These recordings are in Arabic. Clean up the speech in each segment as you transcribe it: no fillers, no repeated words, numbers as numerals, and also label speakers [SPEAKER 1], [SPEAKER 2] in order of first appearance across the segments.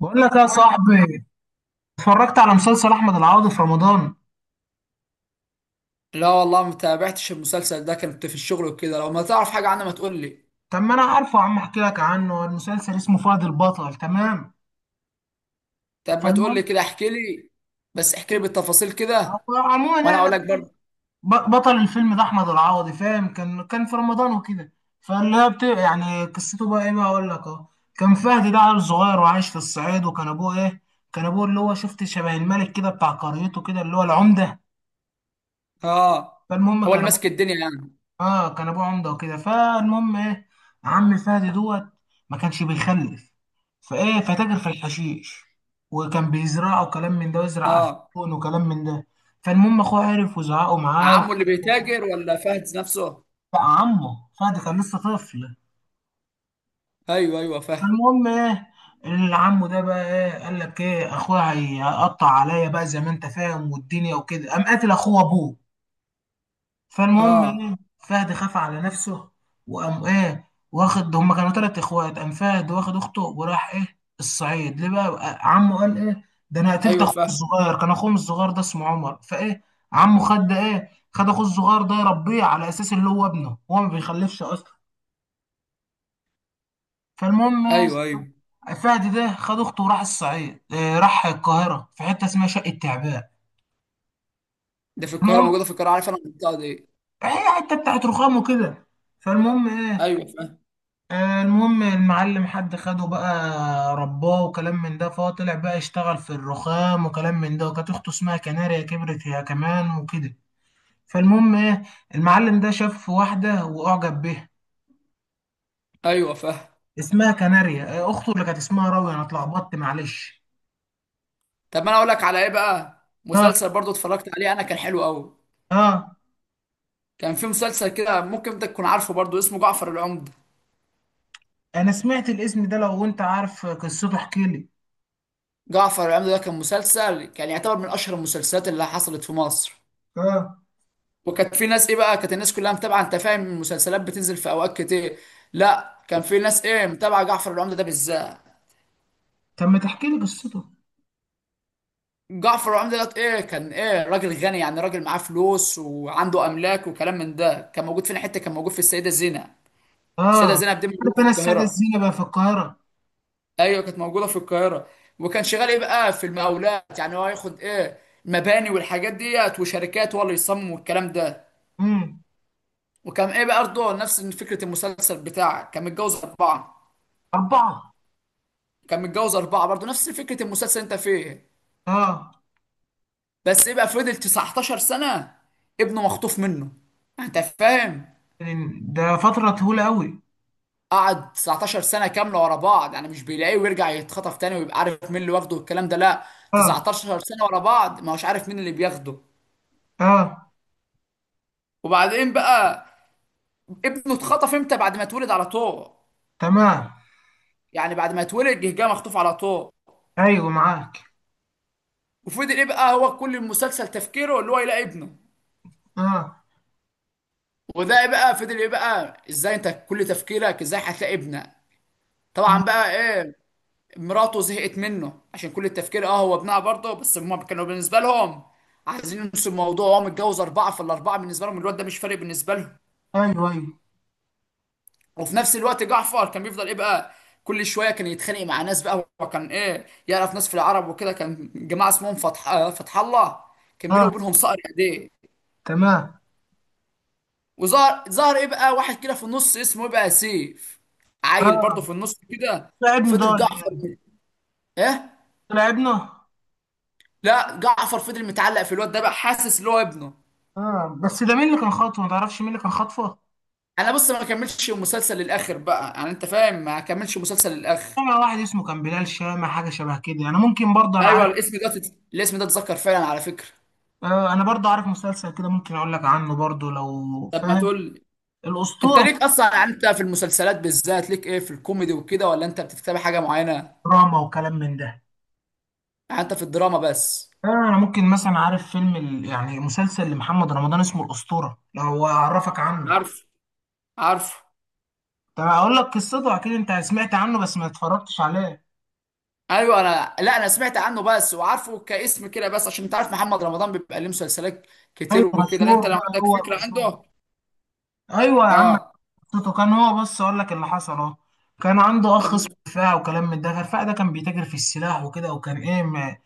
[SPEAKER 1] بقول لك يا صاحبي، اتفرجت على مسلسل احمد العوضي في رمضان.
[SPEAKER 2] لا والله ما تابعتش المسلسل ده، كنت في الشغل وكده. لو ما تعرف حاجة عنه ما تقول لي.
[SPEAKER 1] طب ما انا عارفه يا عم، احكي لك عنه. المسلسل اسمه فهد البطل، تمام.
[SPEAKER 2] طب ما تقول لي
[SPEAKER 1] فالمهم
[SPEAKER 2] كده، احكي لي. بس احكي لي بالتفاصيل كده.
[SPEAKER 1] هو عموما
[SPEAKER 2] وانا
[SPEAKER 1] يعني
[SPEAKER 2] اقول لك برضه.
[SPEAKER 1] بطل الفيلم ده احمد العوضي، فاهم. كان في رمضان وكده. يعني قصته بقى ايه؟ بقى اقول لك اهو. كان فهد ده عيل صغير وعايش في الصعيد، وكان ابوه ايه؟ كان ابوه اللي هو شفت شبه الملك كده بتاع قريته كده، اللي هو العمده.
[SPEAKER 2] اه.
[SPEAKER 1] فالمهم
[SPEAKER 2] هو
[SPEAKER 1] كان
[SPEAKER 2] اللي
[SPEAKER 1] ابوه.
[SPEAKER 2] ماسك الدنيا يعني.
[SPEAKER 1] اه، كان ابوه عمده وكده. فالمهم ايه؟ عم فهد دوت ما كانش بيخلف، فايه؟ فتاجر في الحشيش، وكان بيزرعه وكلام من ده، ويزرع
[SPEAKER 2] اه.
[SPEAKER 1] عفون وكلام من ده. فالمهم اخوه عرف وزعقه معاه
[SPEAKER 2] عمه اللي
[SPEAKER 1] وكلام.
[SPEAKER 2] بيتاجر ولا فهد نفسه؟
[SPEAKER 1] بقى عمه، فهد كان لسه طفل.
[SPEAKER 2] ايوه ايوه فهد.
[SPEAKER 1] المهم ايه؟ العم ده بقى ايه؟ قال لك ايه، اخويا هيقطع عليا بقى، زي ما انت فاهم والدنيا وكده، قام قاتل اخوه ابوه. فالمهم ايه؟
[SPEAKER 2] اه.
[SPEAKER 1] فهد خاف على نفسه، وقام ايه واخد، هما كانوا تلات اخوات، قام فهد واخد اخته وراح ايه الصعيد. ليه بقى؟ عمه قال ايه؟ ده انا قتلت
[SPEAKER 2] ايوه
[SPEAKER 1] اخوه
[SPEAKER 2] فهد.
[SPEAKER 1] الصغير. كان اخوهم الصغير ده اسمه عمر، فايه؟ عمه خد ايه، خد اخوه الصغير ده يربيه على اساس اللي هو ابنه، هو ما بيخلفش اصلا. فالمهم يا اسطى،
[SPEAKER 2] ايوه ايوه.
[SPEAKER 1] فهد ده خد اخته وراح الصعيد. إيه، راح القاهره في حته اسمها شقه تعبان.
[SPEAKER 2] ده في القاهرة،
[SPEAKER 1] المهم
[SPEAKER 2] موجودة في القاهرة، عارف انا المنطقة دي.
[SPEAKER 1] هي حته بتاعت رخام وكده. فالمهم ايه؟
[SPEAKER 2] ايوه فهد.
[SPEAKER 1] آه، المهم المعلم، حد خده بقى رباه وكلام من ده، فهو طلع بقى يشتغل في الرخام وكلام من ده. وكانت اخته اسمها كناريا، كبرت هي كمان وكده. فالمهم ايه؟ المعلم ده شاف واحدة واعجب بيها
[SPEAKER 2] ايوه فهد.
[SPEAKER 1] اسمها كناريا. آه، اخته اللي كانت اسمها راوي، انا اتلخبطت معلش.
[SPEAKER 2] طب ما انا اقول لك على ايه بقى.
[SPEAKER 1] اه.
[SPEAKER 2] مسلسل برضه اتفرجت عليه انا، كان حلو قوي.
[SPEAKER 1] اه،
[SPEAKER 2] كان في مسلسل كده ممكن انت تكون عارفه برضه، اسمه جعفر العمدة.
[SPEAKER 1] انا سمعت الاسم ده، لو انت عارف قصته احكي لي.
[SPEAKER 2] جعفر العمدة ده كان مسلسل، كان يعتبر من اشهر المسلسلات اللي حصلت في مصر.
[SPEAKER 1] اه.
[SPEAKER 2] وكانت في ناس ايه بقى، كانت الناس كلها متابعه، انت فاهم المسلسلات بتنزل في اوقات كتير. لا، كان في ناس ايه متابعه جعفر العمدة ده بالذات.
[SPEAKER 1] طب ما تحكي لي قصته.
[SPEAKER 2] جعفر العمدة ده ايه، كان ايه، راجل غني يعني، راجل معاه فلوس وعنده املاك وكلام من ده. كان موجود فين، حته كان موجود في السيده زينب. السيده
[SPEAKER 1] اه.
[SPEAKER 2] زينب دي موجوده
[SPEAKER 1] عارف
[SPEAKER 2] في
[SPEAKER 1] انا السادة
[SPEAKER 2] القاهره.
[SPEAKER 1] الزينة بقى في القاهرة.
[SPEAKER 2] ايوه كانت موجوده في القاهره. وكان شغال ايه بقى، في المقاولات، يعني هو ياخد ايه، مباني والحاجات ديت وشركات، هو اللي يصمم والكلام ده.
[SPEAKER 1] امم
[SPEAKER 2] وكان ايه بقى برضه، نفس فكره المسلسل بتاعك، كان متجوز اربعه.
[SPEAKER 1] اربعة.
[SPEAKER 2] كان متجوز اربعه برضه نفس فكره المسلسل انت فيه.
[SPEAKER 1] اه.
[SPEAKER 2] بس ايه بقى، فضل 19 سنه ابنه مخطوف منه، انت فاهم.
[SPEAKER 1] ده فترة طويلة أوي.
[SPEAKER 2] قعد 19 سنه كامله ورا بعض، يعني مش بيلاقيه ويرجع يتخطف تاني ويبقى عارف مين اللي واخده والكلام ده، لا.
[SPEAKER 1] اه.
[SPEAKER 2] 19 سنه ورا بعض ما هوش عارف مين اللي بياخده.
[SPEAKER 1] اه.
[SPEAKER 2] وبعدين بقى، ابنه اتخطف امتى؟ بعد ما اتولد على طول.
[SPEAKER 1] تمام.
[SPEAKER 2] يعني بعد ما اتولد جه مخطوف على طول.
[SPEAKER 1] أيوه معاك.
[SPEAKER 2] وفضل ايه بقى، هو كل المسلسل تفكيره اللي هو يلاقي ابنه.
[SPEAKER 1] اه.
[SPEAKER 2] وده بقى فضل ايه بقى، ازاي انت كل تفكيرك ازاي هتلاقي ابنها.
[SPEAKER 1] أم،
[SPEAKER 2] طبعا بقى ايه، مراته زهقت منه عشان كل التفكير اه هو ابنها برضه، بس هما كانوا بالنسبه لهم عايزين ينسوا الموضوع. هو متجوز اربعه، فالاربعه بالنسبه لهم الواد ده مش فارق بالنسبه لهم.
[SPEAKER 1] أيوه أيوه.
[SPEAKER 2] وفي نفس الوقت جعفر كان بيفضل ايه بقى، كل شويه كان يتخانق مع ناس بقى، هو كان ايه، يعرف ناس في العرب وكده. كان جماعه اسمهم فتح الله، كان بينه
[SPEAKER 1] اه.
[SPEAKER 2] وبينهم صقر ايديه.
[SPEAKER 1] تمام.
[SPEAKER 2] وظهر ايه بقى، واحد كده في النص اسمه ايه بقى سيف، عيل
[SPEAKER 1] اه.
[SPEAKER 2] برضه في النص كده.
[SPEAKER 1] لعبنا
[SPEAKER 2] فضل
[SPEAKER 1] دول.
[SPEAKER 2] جعفر ايه،
[SPEAKER 1] لعبنا.
[SPEAKER 2] لا جعفر فضل متعلق في الواد ده بقى، حاسس ان هو ابنه.
[SPEAKER 1] اه، بس ده مين اللي كان خاطفه؟ ما تعرفش مين اللي كان خاطفه؟
[SPEAKER 2] انا بص ما كملتش المسلسل للاخر بقى، يعني انت فاهم ما كملتش المسلسل للاخر.
[SPEAKER 1] طبعا. واحد اسمه كان بلال شامة، حاجة شبه كده، أنا ممكن برضه أنا
[SPEAKER 2] ايوه
[SPEAKER 1] عارف.
[SPEAKER 2] الاسم ده اتذكر فعلا على فكره.
[SPEAKER 1] آه، أنا برضه عارف مسلسل كده، ممكن أقول لك عنه برضه لو
[SPEAKER 2] طب ما
[SPEAKER 1] فاهم.
[SPEAKER 2] تقول. انت
[SPEAKER 1] الأسطورة.
[SPEAKER 2] ليك اصلا، يعني انت في المسلسلات بالذات ليك ايه، في الكوميدي وكده ولا انت بتتابع حاجه معينه؟
[SPEAKER 1] دراما وكلام من ده.
[SPEAKER 2] يعني انت في الدراما بس.
[SPEAKER 1] آه، أنا ممكن مثلا عارف يعني مسلسل لمحمد رمضان اسمه الأسطورة، لو أعرفك عنه.
[SPEAKER 2] عارف، عارف.
[SPEAKER 1] طب هقول لك قصته. اكيد انت سمعت عنه بس ما اتفرجتش عليه.
[SPEAKER 2] ايوه انا لا، انا سمعت عنه بس وعارفه كاسم كده بس، عشان انت عارف محمد رمضان بيبقى ليه مسلسلات
[SPEAKER 1] ايوه.
[SPEAKER 2] كتير وكده. لا
[SPEAKER 1] مشهور
[SPEAKER 2] انت لو
[SPEAKER 1] بقى،
[SPEAKER 2] عندك
[SPEAKER 1] هو
[SPEAKER 2] فكره
[SPEAKER 1] مشهور.
[SPEAKER 2] عنده.
[SPEAKER 1] ايوه يا عم.
[SPEAKER 2] اه.
[SPEAKER 1] قصته كان هو، بص اقول لك اللي حصل اهو. كان عنده
[SPEAKER 2] طب
[SPEAKER 1] اخ اسمه رفاعي وكلام من ده. رفاعي ده كان بيتاجر في السلاح وكده، وكان ايه، ما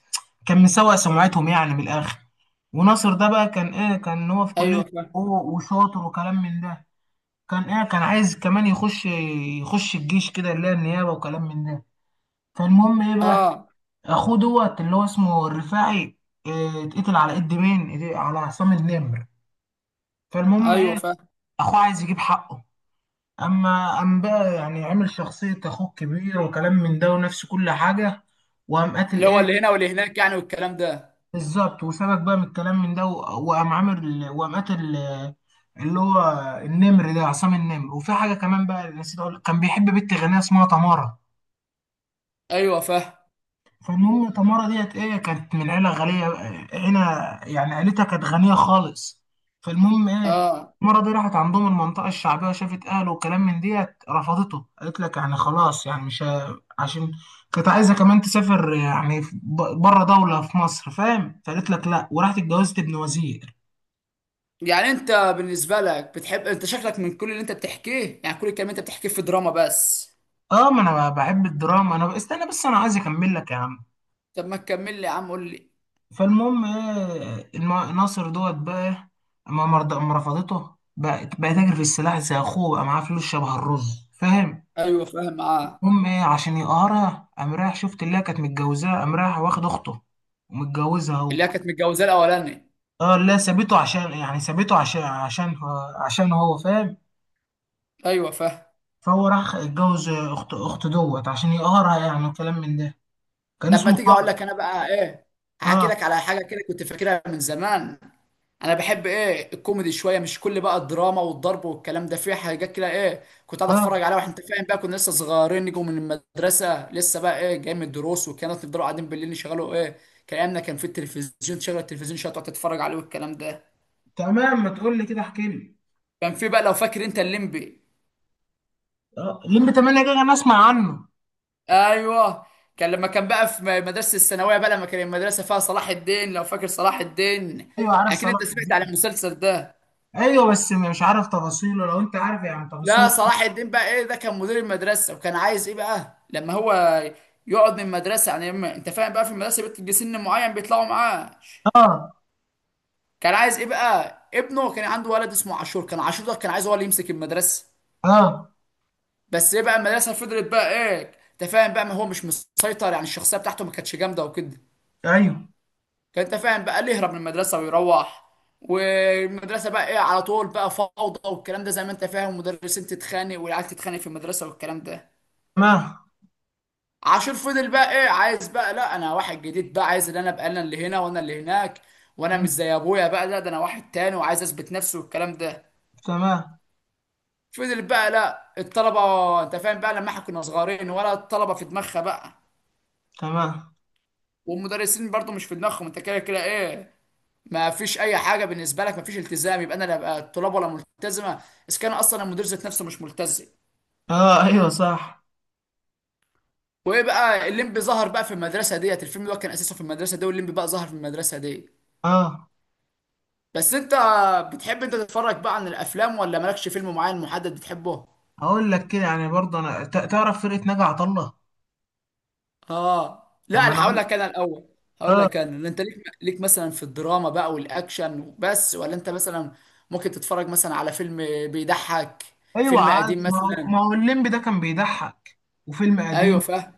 [SPEAKER 1] كان مسوق سمعتهم يعني من الاخر. وناصر ده بقى كان ايه، كان هو في كلية
[SPEAKER 2] ايوه فاهم.
[SPEAKER 1] حقوق وشاطر وكلام من ده. كان ايه، كان عايز كمان يخش، يخش الجيش كده اللي هي النيابة وكلام من ده. فالمهم ايه بقى،
[SPEAKER 2] اه.
[SPEAKER 1] اخوه دوت اللي هو اسمه الرفاعي، آه، اتقتل على ايد مين؟ على عصام النمر. فالمهم
[SPEAKER 2] ايوه
[SPEAKER 1] ايه،
[SPEAKER 2] فاهم.
[SPEAKER 1] اخوه عايز يجيب حقه. اما قام بقى، يعني عمل شخصية اخوه كبير وكلام من ده ونفس كل حاجة، وقام قاتل
[SPEAKER 2] اللي هو
[SPEAKER 1] ايه.
[SPEAKER 2] اللي هنا واللي هناك يعني والكلام ده.
[SPEAKER 1] بالظبط، وسبك بقى من الكلام من ده وقام عامل، وقام قاتل آه، اللي هو النمر ده، عصام النمر. وفي حاجة كمان بقى نسيت اقول، كان بيحب بنت غنية اسمها تمارا.
[SPEAKER 2] ايوه فاهم.
[SPEAKER 1] فالمهم تمارا ديت ايه، كانت من عيلة غنية. عيلة، يعني عيلتها كانت غنية خالص. فالمهم ايه،
[SPEAKER 2] اه.
[SPEAKER 1] تمارا دي راحت عندهم المنطقة الشعبية وشافت أهله وكلام من ديت، رفضته. قالت لك يعني خلاص، يعني مش ه- عشان كانت عايزة كمان تسافر يعني بره دولة في مصر، فاهم. فقالت لك لا، وراحت اتجوزت ابن وزير.
[SPEAKER 2] يعني انت بالنسبه لك بتحب، انت شكلك من كل اللي انت بتحكيه، يعني كل الكلام اللي انت بتحكيه في دراما بس.
[SPEAKER 1] اه، ما انا بحب الدراما، انا استنى بس، انا عايز اكمل لك يا عم.
[SPEAKER 2] طب ما تكمل لي يا عم قول لي.
[SPEAKER 1] فالمهم ايه، ناصر دوت بقى ايه، اما رفضته بقى، بقى تاجر في السلاح زي اخوه، بقى معاه فلوس شبه الرز فاهم.
[SPEAKER 2] ايوه فاهم. اه.
[SPEAKER 1] المهم ايه، عشان يقهرها قام رايح، شفت اللي هي كانت متجوزاه، قام رايح واخد اخته ومتجوزها هو.
[SPEAKER 2] اللي هي كانت متجوزاه الاولاني.
[SPEAKER 1] اه لا، سابته عشان يعني، سابته عشان، عشان هو فاهم.
[SPEAKER 2] ايوه فاهم.
[SPEAKER 1] فهو راح اتجوز اخت، اخت دوت عشان يقهرها يعني وكلام من ده. كان
[SPEAKER 2] طب ما
[SPEAKER 1] اسمه
[SPEAKER 2] تيجي اقول
[SPEAKER 1] طارق.
[SPEAKER 2] لك انا بقى ايه، هحكي
[SPEAKER 1] اه.
[SPEAKER 2] لك على حاجه كده كنت فاكرها من زمان. انا بحب ايه، الكوميدي شويه، مش كل بقى الدراما والضرب والكلام ده. في حاجات كده ايه كنت قاعد
[SPEAKER 1] اه
[SPEAKER 2] اتفرج عليها واحنا، انت فاهم بقى، كنا لسه صغيرين نجوا من المدرسه لسه بقى، ايه، جاي من الدروس وكانت نفضلوا قاعدين بالليل نشغلوا ايه، كلامنا كان في التلفزيون، تشغل التلفزيون شويه تقعد تتفرج عليه والكلام ده.
[SPEAKER 1] تمام، ما تقول لي كده احكي لي.
[SPEAKER 2] كان في بقى، لو فاكر انت الليمبي.
[SPEAKER 1] اه، لمبي 8 جيجا انا اسمع عنه.
[SPEAKER 2] ايوه. كان لما كان بقى في مدرسه الثانويه بقى، لما كان المدرسه فيها صلاح الدين، لو فاكر صلاح الدين.
[SPEAKER 1] ايوه عارف
[SPEAKER 2] اكيد
[SPEAKER 1] صلاح
[SPEAKER 2] انت سمعت على
[SPEAKER 1] الدين.
[SPEAKER 2] المسلسل ده.
[SPEAKER 1] ايوه بس مش عارف تفاصيله، لو انت عارف يعني
[SPEAKER 2] لا،
[SPEAKER 1] تفاصيله.
[SPEAKER 2] صلاح الدين بقى ايه، ده كان مدير المدرسه وكان عايز ايه بقى، لما هو يقعد من المدرسه، يعني لما انت فاهم بقى، في المدرسه بتجي سن معين بيطلعوا معاه.
[SPEAKER 1] اه.
[SPEAKER 2] كان عايز ايه بقى، ابنه، كان عنده ولد اسمه عاشور. كان عاشور ده كان عايز هو اللي يمسك المدرسه.
[SPEAKER 1] اه.
[SPEAKER 2] بس ايه بقى، المدرسه فضلت بقى ايه، انت فاهم بقى، ما هو مش مسيطر، يعني الشخصيه بتاعته ما كانتش جامده وكده.
[SPEAKER 1] ايوه.
[SPEAKER 2] كان انت فاهم بقى، اللي يهرب من المدرسه ويروح، والمدرسه بقى ايه على طول بقى فوضى والكلام ده، زي ما انت فاهم مدرسين تتخانق والعيال تتخانق في المدرسه والكلام ده.
[SPEAKER 1] تمام.
[SPEAKER 2] عاشور فضل بقى ايه، عايز بقى، لا انا واحد جديد بقى، عايز ان انا ابقى انا اللي هنا وانا اللي هناك، وانا
[SPEAKER 1] مم،
[SPEAKER 2] مش زي ابويا بقى، لا ده انا واحد تاني، وعايز اثبت نفسي والكلام ده.
[SPEAKER 1] تمام.
[SPEAKER 2] فضل بقى، لا الطلبه، انت فاهم بقى، لما احنا كنا صغيرين، ولا الطلبه في دماغها بقى،
[SPEAKER 1] تمام.
[SPEAKER 2] والمدرسين برضو مش في دماغهم. انت كده كده ايه، ما فيش اي حاجه بالنسبه لك، ما فيش التزام، يبقى انا لا بقى الطلاب ولا ملتزمه، اذا كان اصلا المدير ذات نفسه مش ملتزم.
[SPEAKER 1] اه. ايوه صح.
[SPEAKER 2] وايه بقى، الليمبي ظهر بقى في المدرسه ديت، الفيلم ده كان اساسه في المدرسه دي، والليمبي بقى ظهر في المدرسه دي.
[SPEAKER 1] اه،
[SPEAKER 2] بس انت بتحب انت تتفرج بقى عن الافلام، ولا مالكش فيلم معين محدد بتحبه؟
[SPEAKER 1] هقول لك كده يعني برضه، تعرف فرقه ناجي عطا الله.
[SPEAKER 2] اه. لا
[SPEAKER 1] طب ما انا
[SPEAKER 2] انا هقول
[SPEAKER 1] اقول.
[SPEAKER 2] لك انا الاول. هقول
[SPEAKER 1] اه.
[SPEAKER 2] لك انا انت ليك، ليك مثلا في الدراما بقى والاكشن بس، ولا انت مثلا ممكن تتفرج مثلا على فيلم بيضحك،
[SPEAKER 1] ايوه
[SPEAKER 2] فيلم قديم
[SPEAKER 1] عادي، ما هو ما
[SPEAKER 2] مثلا.
[SPEAKER 1] هو الليمبي ده كان بيضحك. وفيلم
[SPEAKER 2] ايوه
[SPEAKER 1] قديم
[SPEAKER 2] فاهم.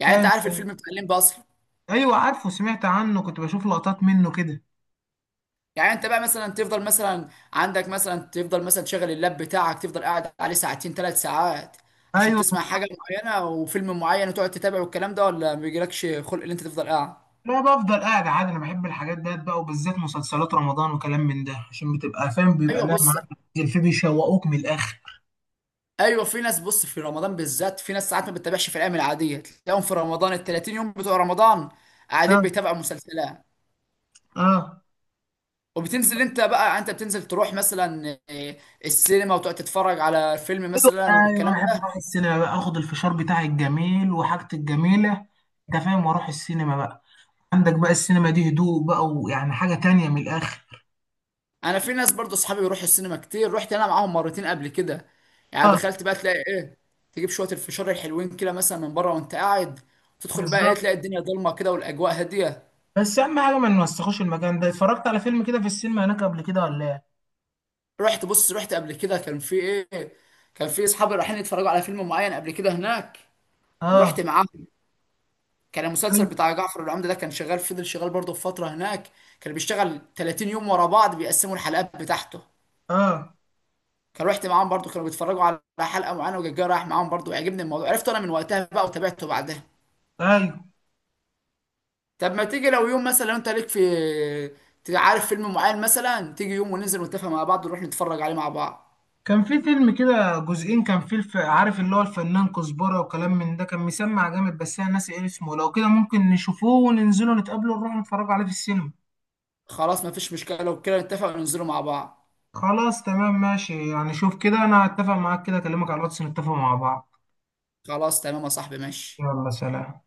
[SPEAKER 2] يعني انت
[SPEAKER 1] فاهم.
[SPEAKER 2] عارف الفيلم بتاع الليمبي اصلا.
[SPEAKER 1] ايوه عارفه، سمعت عنه، كنت بشوف لقطات منه كده.
[SPEAKER 2] يعني انت بقى مثلا تفضل مثلا، عندك مثلا تفضل مثلا تشغل اللاب بتاعك تفضل قاعد عليه ساعتين ثلاث ساعات عشان
[SPEAKER 1] ايوه.
[SPEAKER 2] تسمع حاجه معينه وفيلم معين وتقعد تتابع والكلام ده، ولا ما بيجيلكش خلق ان انت تفضل قاعد؟
[SPEAKER 1] لا بفضل قاعد عادي، انا بحب الحاجات ديت بقى وبالذات مسلسلات رمضان وكلام من ده، عشان بتبقى فاهم بيبقى
[SPEAKER 2] ايوه
[SPEAKER 1] لا
[SPEAKER 2] بص.
[SPEAKER 1] معاك. الفي بيشوقوك من الاخر.
[SPEAKER 2] ايوه في ناس، بص، في رمضان بالذات في ناس ساعات ما بتتابعش في الايام العاديه، تلاقيهم في رمضان ال 30 يوم بتوع رمضان قاعدين
[SPEAKER 1] اه.
[SPEAKER 2] بيتابعوا مسلسلات.
[SPEAKER 1] اه.
[SPEAKER 2] وبتنزل انت بقى، انت بتنزل تروح مثلا السينما، وتقعد تتفرج على فيلم مثلا
[SPEAKER 1] ايوه
[SPEAKER 2] والكلام
[SPEAKER 1] بحب اروح
[SPEAKER 2] ده.
[SPEAKER 1] السينما بقى، اخد الفشار بتاعي الجميل وحاجتي الجميله، انت فاهم، واروح السينما بقى. عندك بقى السينما دي هدوء بقى، ويعني حاجه تانية من الاخر.
[SPEAKER 2] انا في ناس برضو اصحابي بيروحوا السينما كتير، رحت انا معاهم مرتين قبل كده. يعني دخلت بقى تلاقي ايه، تجيب شويه الفشار الحلوين كده مثلا من بره وانت قاعد، تدخل بقى ايه،
[SPEAKER 1] بالظبط.
[SPEAKER 2] تلاقي الدنيا ضلمه كده والاجواء هاديه.
[SPEAKER 1] بس اهم حاجه ما نوسخوش المكان ده. اتفرجت على فيلم كده في السينما هناك قبل كده ولا ايه؟
[SPEAKER 2] رحت، بص، رحت قبل كده، كان في ايه، كان في اصحابي رايحين يتفرجوا على فيلم معين قبل كده هناك،
[SPEAKER 1] اه.
[SPEAKER 2] ورحت معاهم. كان المسلسل
[SPEAKER 1] أيوة.
[SPEAKER 2] بتاع جعفر العمدة ده كان شغال، فضل شغال برضه في فتره هناك. كان بيشتغل 30 يوم ورا بعض بيقسموا الحلقات بتاعته.
[SPEAKER 1] اه.
[SPEAKER 2] كان رحت معاهم برضو، كانوا بيتفرجوا على حلقه معينه، وجاي رايح معاهم برضو، عجبني الموضوع، عرفته انا من وقتها بقى وتابعته بعدها.
[SPEAKER 1] ايوه
[SPEAKER 2] طب ما تيجي لو يوم مثلا، لو انت ليك في، تبقى عارف فيلم معين مثلا، تيجي يوم وننزل ونتفق مع بعض ونروح نتفرج عليه مع بعض.
[SPEAKER 1] كان في فيلم كده جزئين، كان فيه عارف اللي هو الفنان كزبرة وكلام من ده، كان مسمع جامد، بس انا ناسي ايه اسمه. لو كده ممكن نشوفوه وننزله، نتقابله ونروح نتفرج عليه في السينما.
[SPEAKER 2] خلاص مفيش مشكله، لو كده نتفق وننزله مع بعض.
[SPEAKER 1] خلاص تمام ماشي يعني، شوف كده انا هتفق معاك كده، اكلمك على الواتس نتفق مع بعض.
[SPEAKER 2] خلاص تمام يا صاحبي ماشي.
[SPEAKER 1] يلا سلام.